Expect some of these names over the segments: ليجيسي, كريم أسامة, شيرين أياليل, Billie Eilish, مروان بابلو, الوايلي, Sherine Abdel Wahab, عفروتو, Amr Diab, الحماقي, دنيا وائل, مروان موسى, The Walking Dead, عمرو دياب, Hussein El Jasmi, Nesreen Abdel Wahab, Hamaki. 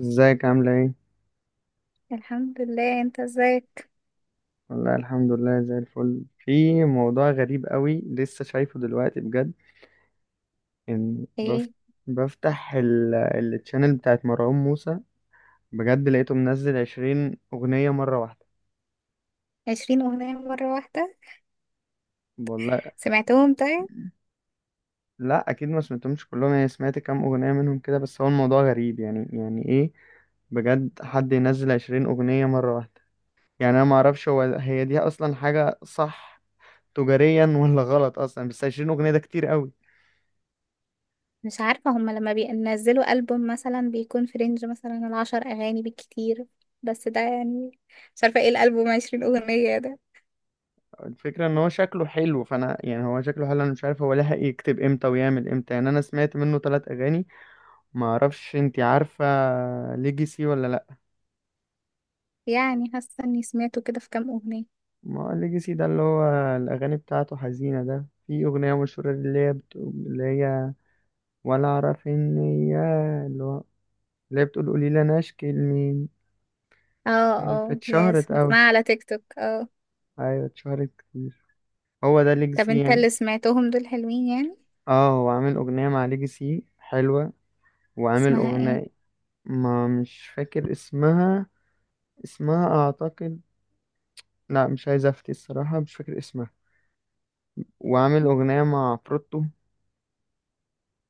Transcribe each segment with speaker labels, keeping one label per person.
Speaker 1: ازيك عاملة ايه؟
Speaker 2: الحمد لله. انت ازيك؟
Speaker 1: والله الحمد لله زي الفل. في موضوع غريب قوي لسه شايفه دلوقتي بجد، ان بفت...
Speaker 2: ايه؟
Speaker 1: بفتح التشانل بتاعت مروان موسى. بجد لقيته منزل 20 أغنية مرة واحدة.
Speaker 2: 20 اغنية مرة واحدة؟
Speaker 1: والله.
Speaker 2: سمعتهم طيب؟
Speaker 1: لا أكيد ما سمعتهمش كلهم، يعني سمعت كام أغنية منهم كده. بس هو الموضوع غريب، يعني ايه؟ بجد حد ينزل 20 أغنية مرة واحدة؟ يعني أنا معرفش هي دي أصلا حاجة صح تجاريا ولا غلط أصلا، بس 20 أغنية ده كتير قوي.
Speaker 2: مش عارفة، هما لما بينزلوا ألبوم مثلا بيكون في رينج مثلا العشر أغاني بالكتير، بس ده يعني. مش عارفة ايه الألبوم 20 أغنية ده.
Speaker 1: الفكرة ان هو شكله حلو، فانا يعني هو شكله حلو، انا مش عارف هو لحق يكتب امتى ويعمل امتى. يعني انا سمعت منه ثلاث اغاني. ما اعرفش، انتي عارفة ليجيسي ولا لا؟
Speaker 2: يعني حاسة اني سمعته كده في كام أغنية.
Speaker 1: ما هو ليجيسي ده اللي هو الاغاني بتاعته حزينة. ده في اغنية مشهورة اللي هي بتقول اللي هي ولا اعرف ان هي اللي هو اللي هي بتقول قولي لي انا اشكي لمين،
Speaker 2: اه.
Speaker 1: يعني
Speaker 2: اه
Speaker 1: فاتشهرت
Speaker 2: يس،
Speaker 1: قوي.
Speaker 2: بسمعها على تيك توك. اه.
Speaker 1: ايوه اتشهرت كتير. هو ده
Speaker 2: طب
Speaker 1: ليجيسي
Speaker 2: انت
Speaker 1: يعني.
Speaker 2: اللي سمعتهم دول حلوين يعني؟
Speaker 1: اه، هو عامل اغنية مع ليجيسي حلوة. وعامل
Speaker 2: اسمها ايه؟
Speaker 1: اغنية، ما مش فاكر اسمها. اسمها اعتقد، لا مش عايز افتي الصراحة، مش فاكر اسمها. وعامل اغنية مع فروتو.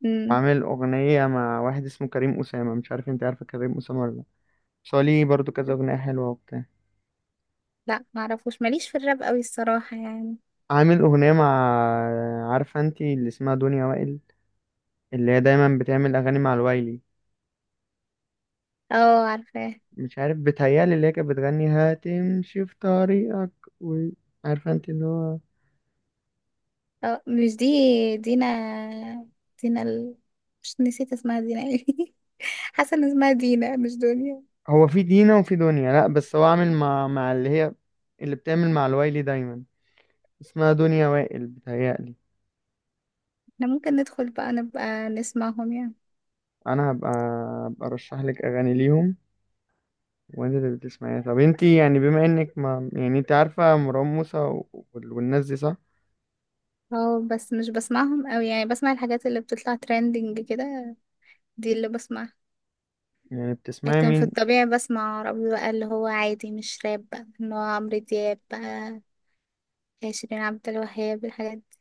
Speaker 2: مم.
Speaker 1: وعامل اغنية مع واحد اسمه كريم أسامة، مش عارف انت عارفة كريم أسامة ولا لا. بس هو ليه برضه كذا اغنية حلوة وبتاع.
Speaker 2: لا، معرفوش، ماليش في الراب قوي الصراحة يعني.
Speaker 1: عامل اغنية مع، عارفة انت اللي اسمها دنيا وائل، اللي هي دايما بتعمل اغاني مع الوايلي.
Speaker 2: اه، عارفاه.
Speaker 1: مش عارف، بتهيألي اللي هي كانت بتغني هتمشي في طريقك، و... عارفة انت اللي هو،
Speaker 2: اه، مش دي. دينا. دينا. مش، نسيت اسمها دينا ايه. حاسه ان اسمها دينا مش دنيا.
Speaker 1: هو في دينا وفي دنيا. لا بس هو عامل مع اللي هي، اللي بتعمل مع الوايلي دايما، اسمها دنيا وائل بتهيألي.
Speaker 2: احنا ممكن ندخل بقى نبقى نسمعهم يعني.
Speaker 1: انا هبقى ارشح لك اغاني ليهم وانت اللي بتسمعيها. طب انت يعني بما انك ما يعني انت عارفه مروان موسى والناس دي صح،
Speaker 2: اه بس مش بسمعهم اوي يعني، بسمع الحاجات اللي بتطلع ترending كده. دي اللي بسمعها.
Speaker 1: يعني بتسمعي
Speaker 2: لكن في
Speaker 1: مين؟
Speaker 2: الطبيعي بسمع عربي بقى، اللي هو عادي مش راب بقى، اللي هو عمرو دياب بقى، شيرين عبد الوهاب، الحاجات دي.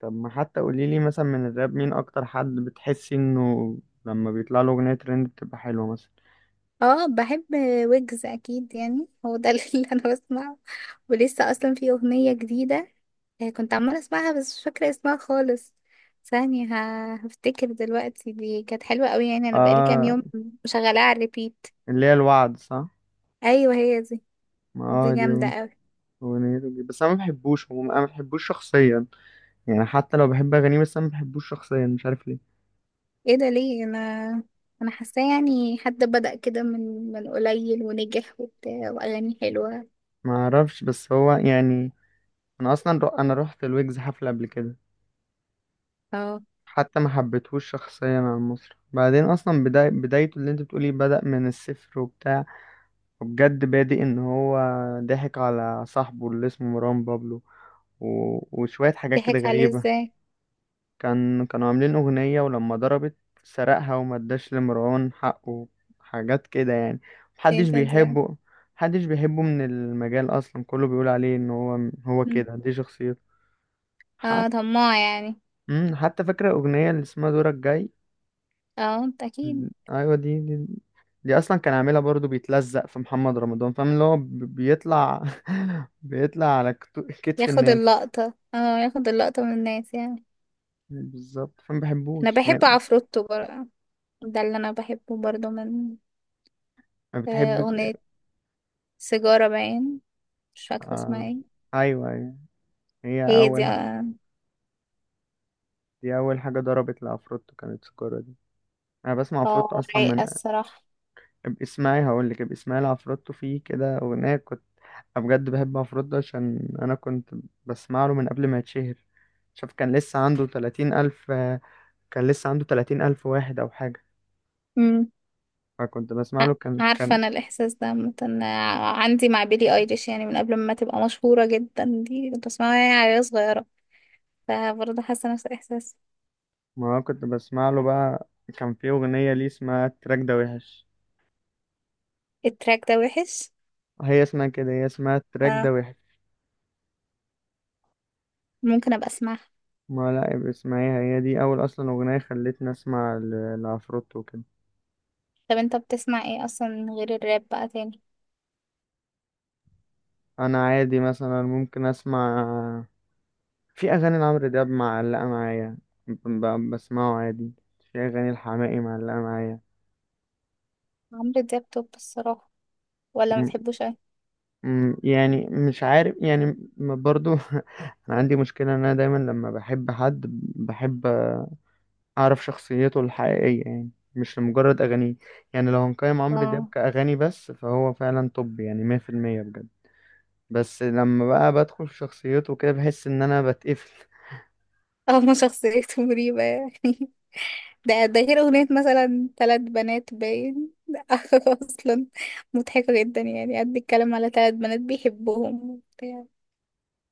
Speaker 1: طب ما حتى قولي لي مثلا، من الراب مين اكتر حد بتحسي انه لما بيطلع له اغنيه ترند بتبقى حلوه مثلا؟
Speaker 2: اه بحب ويجز اكيد، يعني هو ده اللي انا بسمعه. ولسه اصلا في اغنيه جديده. آه، كنت عمالة اسمعها بس مش فاكرة اسمها خالص. ثانية، هفتكر دلوقتي. دي كانت حلوة قوي يعني، انا بقالي كام
Speaker 1: اه،
Speaker 2: يوم مشغلاها على ريبيت.
Speaker 1: اللي هي الوعد صح؟
Speaker 2: ايوه هي دي.
Speaker 1: ما
Speaker 2: دي
Speaker 1: اه
Speaker 2: جامدة
Speaker 1: دي
Speaker 2: قوي.
Speaker 1: اغنيته دي، بس انا ما بحبوش عموما، انا ما بحبوش شخصيا. يعني حتى لو بحب اغانيه، بس انا ما بحبوش شخصيا، مش عارف ليه.
Speaker 2: ايه ده ليه؟ انا حاساه يعني حد بدأ كده من قليل ونجح وبتاع واغاني حلوة.
Speaker 1: ما اعرفش بس هو يعني، انا رحت الويجز حفله قبل كده،
Speaker 2: اه.
Speaker 1: حتى ما حبيتهوش شخصيا عن مصر. بعدين اصلا بدايته اللي انت بتقولي بدأ من الصفر وبتاع، وبجد بادئ ان هو ضحك على صاحبه اللي اسمه مروان بابلو، و... وشويه حاجات كده
Speaker 2: ضحك عليه
Speaker 1: غريبه.
Speaker 2: ازاي؟
Speaker 1: كانوا عاملين اغنيه ولما ضربت، سرقها وما اداش لمروان حقه، حاجات كده يعني.
Speaker 2: ايه
Speaker 1: محدش
Speaker 2: ده
Speaker 1: بيحبه. محدش بيحبه من المجال اصلا، كله بيقول عليه ان هو
Speaker 2: مم.
Speaker 1: كده دي شخصيته.
Speaker 2: اه، طماع يعني.
Speaker 1: حتى فاكرة الأغنية اللي اسمها دورك جاي؟
Speaker 2: اه، انت اكيد.
Speaker 1: أيوة دي، دي أصلا كان عاملها برضو بيتلزق في محمد رمضان، فاهم اللي هو بيطلع بيطلع على كتف
Speaker 2: ياخد
Speaker 1: الناس.
Speaker 2: اللقطة، اه ياخد اللقطة من الناس يعني.
Speaker 1: بالظبط، فما
Speaker 2: انا
Speaker 1: بحبوش
Speaker 2: بحب
Speaker 1: يعني.
Speaker 2: عفروتو بقى. ده اللي انا بحبه برضه من
Speaker 1: ما بتحب.
Speaker 2: أغنية سيجارة باين. مش فاكرة اسمها
Speaker 1: آه.
Speaker 2: ايه.
Speaker 1: أيوة أيوة، هي
Speaker 2: هي دي
Speaker 1: أول،
Speaker 2: اه.
Speaker 1: دي أول حاجة ضربت لعفروتو كانت سكورة دي. أنا بسمع عفروتو
Speaker 2: اه،
Speaker 1: أصلا من،
Speaker 2: رايقة الصراحة.
Speaker 1: اسمعي هقولك، اسمعي لعفروتو فيه كده أغنية كنت، أنا بجد بحب، مفروض ده عشان أنا كنت بسمع له من قبل ما يتشهر. شوف كان لسه عنده 30 ألف، كان لسه عنده 30 ألف واحد أو حاجة.
Speaker 2: مم.
Speaker 1: فكنت بسمع
Speaker 2: ع-
Speaker 1: له كان
Speaker 2: عارفة
Speaker 1: كان
Speaker 2: أنا الإحساس ده مثلا عندي مع بيلي أيليش، يعني من قبل ما تبقى مشهورة جدا دي كنت بسمعها، يعني عيال صغيرة. فبرضه حاسة نفس الإحساس.
Speaker 1: ما كنت بسمع له بقى. كان في أغنية ليه اسمها التراك ده وحش،
Speaker 2: التراك ده وحش.
Speaker 1: هي اسمها كده، هي اسمها التراك ده
Speaker 2: اه.
Speaker 1: وحش.
Speaker 2: ممكن أبقى أسمعها.
Speaker 1: ما لا يبقى اسمعيها، هي دي أول أصلا أغنية خلتني أسمع لعفروتو وكده.
Speaker 2: طب أنت بتسمع ايه أصلا غير الراب بقى تاني؟
Speaker 1: أنا عادي مثلا ممكن أسمع، في اغاني لعمرو دياب معلقه معايا، بسمعه عادي. في اغاني الحماقي معلقه معايا.
Speaker 2: عمرو دياب توب الصراحة. ولا ما
Speaker 1: م-
Speaker 2: بتحبوش أوي؟
Speaker 1: يعني مش عارف يعني، برضو انا عندي مشكله ان انا دايما لما بحب حد، بحب اعرف شخصيته الحقيقيه، يعني مش لمجرد اغانيه. يعني لو هنقيم عمرو دياب
Speaker 2: اه.
Speaker 1: كاغاني بس، فهو فعلا توب، يعني 100%، بجد. بس لما بقى بدخل في شخصيته كده بحس ان انا بتقفل.
Speaker 2: اه، ما شخصيته مريبة يعني. ده ده غير أغنية مثلا ثلاث بنات باين. أصلا مضحكة جدا، يعني قد بيتكلم على ثلاث بنات بيحبهم وبتاع.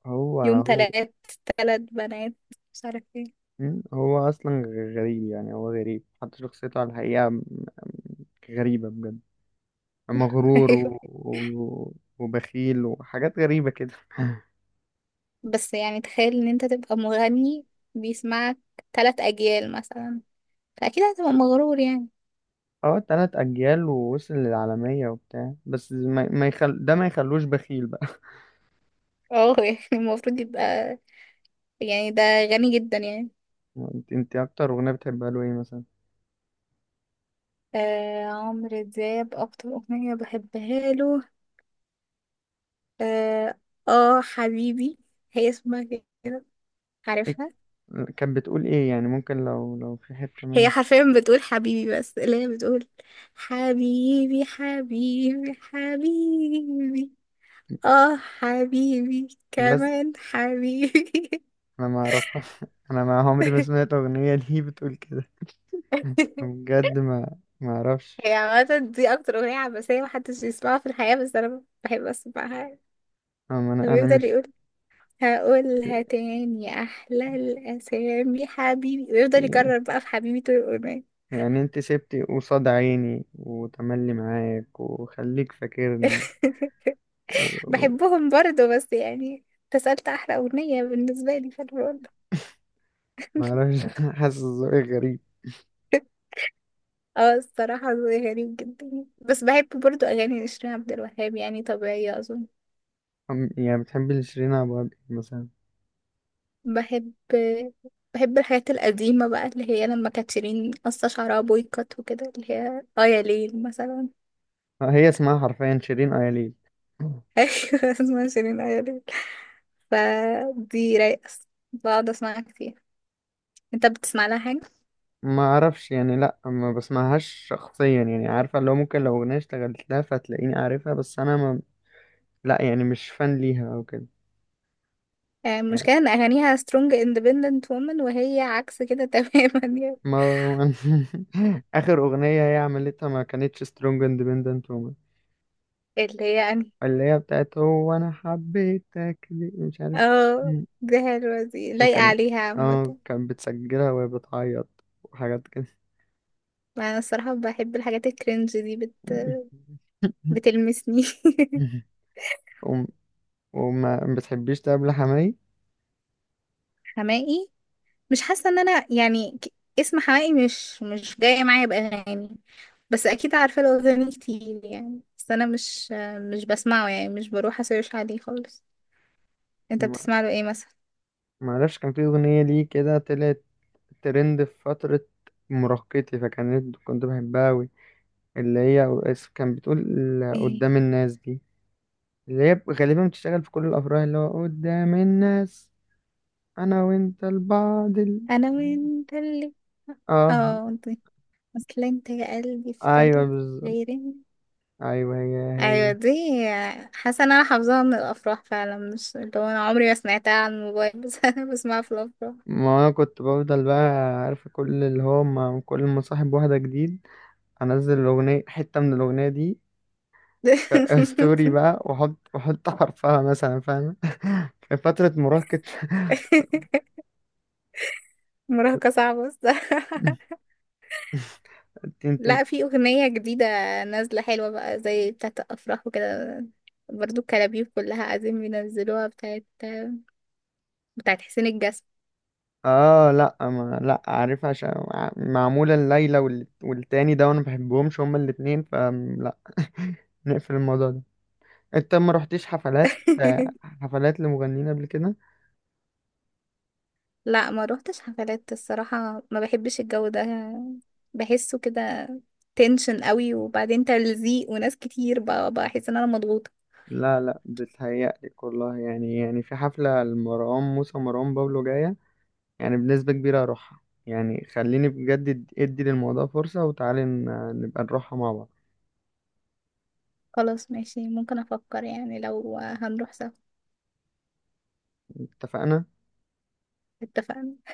Speaker 1: هو
Speaker 2: يوم
Speaker 1: هو
Speaker 2: ثلاث، ثلاث بنات، مش عارف ايه.
Speaker 1: مم. هو اصلا غريب. يعني هو غريب حتى شخصيته على الحقيقة، م- غريبة بجد. مغرور،
Speaker 2: أيوه.
Speaker 1: وبخيل وحاجات غريبة كده
Speaker 2: بس يعني تخيل إن أنت تبقى مغني بيسمعك ثلاث أجيال مثلا، فأكيد هتبقى مغرور يعني.
Speaker 1: اه، تلات اجيال ووصل للعالمية وبتاع، بس ما, ما يخل... ده ما يخلوش بخيل بقى.
Speaker 2: اه. يعني المفروض يبقى يعني ده غني جدا يعني.
Speaker 1: انت، اكتر اغنية بتحبها له ايه مثلا؟
Speaker 2: آه، عمرو دياب أكتر أغنية بحبها له، آه، آه حبيبي. هي اسمها كده،
Speaker 1: إيه...
Speaker 2: عارفها.
Speaker 1: كانت بتقول ايه يعني؟ ممكن لو في حتة
Speaker 2: هي
Speaker 1: منها،
Speaker 2: حرفيا بتقول حبيبي، بس اللي هي بتقول حبيبي، حبيبي، حبيبي. اه، حبيبي
Speaker 1: بس
Speaker 2: كمان حبيبي.
Speaker 1: انا ما اعرفها. انا ما عمري ما سمعت اغنية دي بتقول كده. بجد ما اعرفش.
Speaker 2: هي عامة دي أكتر أغنية عباسية محدش يسمعها في الحياة، بس أنا بحب أسمعها.
Speaker 1: انا
Speaker 2: بيفضل
Speaker 1: مش،
Speaker 2: يقول هقولها تاني أحلى الأسامي حبيبي، ويفضل
Speaker 1: يعني
Speaker 2: يكرر بقى في حبيبي طول الأغنية.
Speaker 1: يعني انت سبتي قصاد عيني وتملي معاك وخليك فاكرني. و... و...
Speaker 2: بحبهم برضه بس يعني، تسألت أحلى أغنية بالنسبة لي في الرول.
Speaker 1: معرفش حاسس ذوقك غريب.
Speaker 2: اه الصراحة ذوقي غريب جدا، بس بحب برضو أغاني نسرين عبد الوهاب، يعني طبيعية أظن.
Speaker 1: يعني بتحبي لشيرين أبو عبد الوهاب مثلا؟
Speaker 2: بحب. بحب الحاجات القديمة بقى اللي هي لما كانت شيرين قصة شعرها بويكوت وكده، اللي هي اه يا ليل مثلا.
Speaker 1: آه، هي اسمها حرفيا شيرين أياليل.
Speaker 2: أيوة. اسمها شيرين اه يا ليل. فدي رايقة، بقعد أسمعها كتير. انت بتسمع لها حاجة؟
Speaker 1: ما اعرفش يعني، لا ما بسمعهاش شخصيا. يعني عارفه اللي هو ممكن لو اغنيه اشتغلت لها فتلاقيني عارفها، بس انا ما، لا يعني مش فان ليها او كده.
Speaker 2: آه،
Speaker 1: يعني،
Speaker 2: المشكلة ان أغانيها strong independent woman وهي عكس كده تماما يعني.
Speaker 1: ما اخر اغنيه هي عملتها ما كانتش سترونج اندبندنت،
Speaker 2: اللي هي أنا.
Speaker 1: اللي هي بتاعت هو انا حبيتك دي، مش عارف.
Speaker 2: اه.
Speaker 1: مم.
Speaker 2: دي حلوة، دي لايقة
Speaker 1: كان،
Speaker 2: عليها
Speaker 1: اه
Speaker 2: عامة.
Speaker 1: كانت بتسجلها وهي بتعيط وحاجات كده.
Speaker 2: ما انا الصراحه بحب الحاجات الكرنج دي،
Speaker 1: مم.
Speaker 2: بتلمسني.
Speaker 1: وم- وما بتحبيش تقابل حماي.
Speaker 2: حماقي. مش حاسه ان انا يعني اسم حماقي مش جاي معايا باغاني. بس اكيد عارفه له اغاني كتير يعني، بس انا مش بسمعه يعني، مش بروح اسيرش عليه خالص. انت
Speaker 1: ما
Speaker 2: بتسمع له ايه مثلا؟
Speaker 1: ما اعرفش، كان في اغنيه ليه كده طلعت ترند في فتره مراهقتي، كنت بحبها قوي، اللي هي كان بتقول
Speaker 2: ايه؟
Speaker 1: قدام الناس دي، اللي هي غالبا بتشتغل في كل الافراح، اللي هو قدام الناس انا وانت لبعض
Speaker 2: انا وانت اللي
Speaker 1: اه،
Speaker 2: اه انت. اصل انت يا قلبي في
Speaker 1: ايوه
Speaker 2: قلبي
Speaker 1: بالظبط.
Speaker 2: غيري.
Speaker 1: ايوه هي هي.
Speaker 2: ايوه دي. حاسه ان انا حافظاها من الافراح فعلا، مش اللي هو انا عمري ما سمعتها على الموبايل، بس انا بسمعها في الافراح.
Speaker 1: ما انا كنت بفضل بقى، عارف كل اللي هو، ما كل ما صاحب واحده جديد انزل الاغنيه، حته من الاغنيه دي ستوري بقى، واحط حرفها مثلا، فاهم في فتره مراهقه
Speaker 2: مراهقة صعبة الصراحة.
Speaker 1: انت.
Speaker 2: لا في أغنية جديدة نازلة حلوة بقى، زي بتاعة الأفراح وكده. برضو الكلابيب كلها عايزين بينزلوها، بتاعة حسين الجسمي.
Speaker 1: اه، لا ما لا عارف، عشان معموله الليله والتاني ده، وانا ما بحبهمش هما الاتنين فلا نقفل الموضوع ده. انت ما رحتيش حفلات حفلات لمغنيين قبل كده؟
Speaker 2: لا ما روحتش حفلات الصراحة، ما بحبش الجو ده. بحسه كده تنشن قوي، وبعدين تلزيق وناس كتير بقى، بحس ان انا مضغوطة.
Speaker 1: لا لا، بتهيألي والله يعني في حفلة لمروان موسى ومروان بابلو جاية، يعني بنسبة كبيرة هروحها. يعني خليني بجد ادي للموضوع فرصة، وتعالي نبقى نروحها مع بعض.
Speaker 2: خلاص ماشي، ممكن افكر يعني لو هنروح سوا.
Speaker 1: اتفقنا.
Speaker 2: اتفقنا.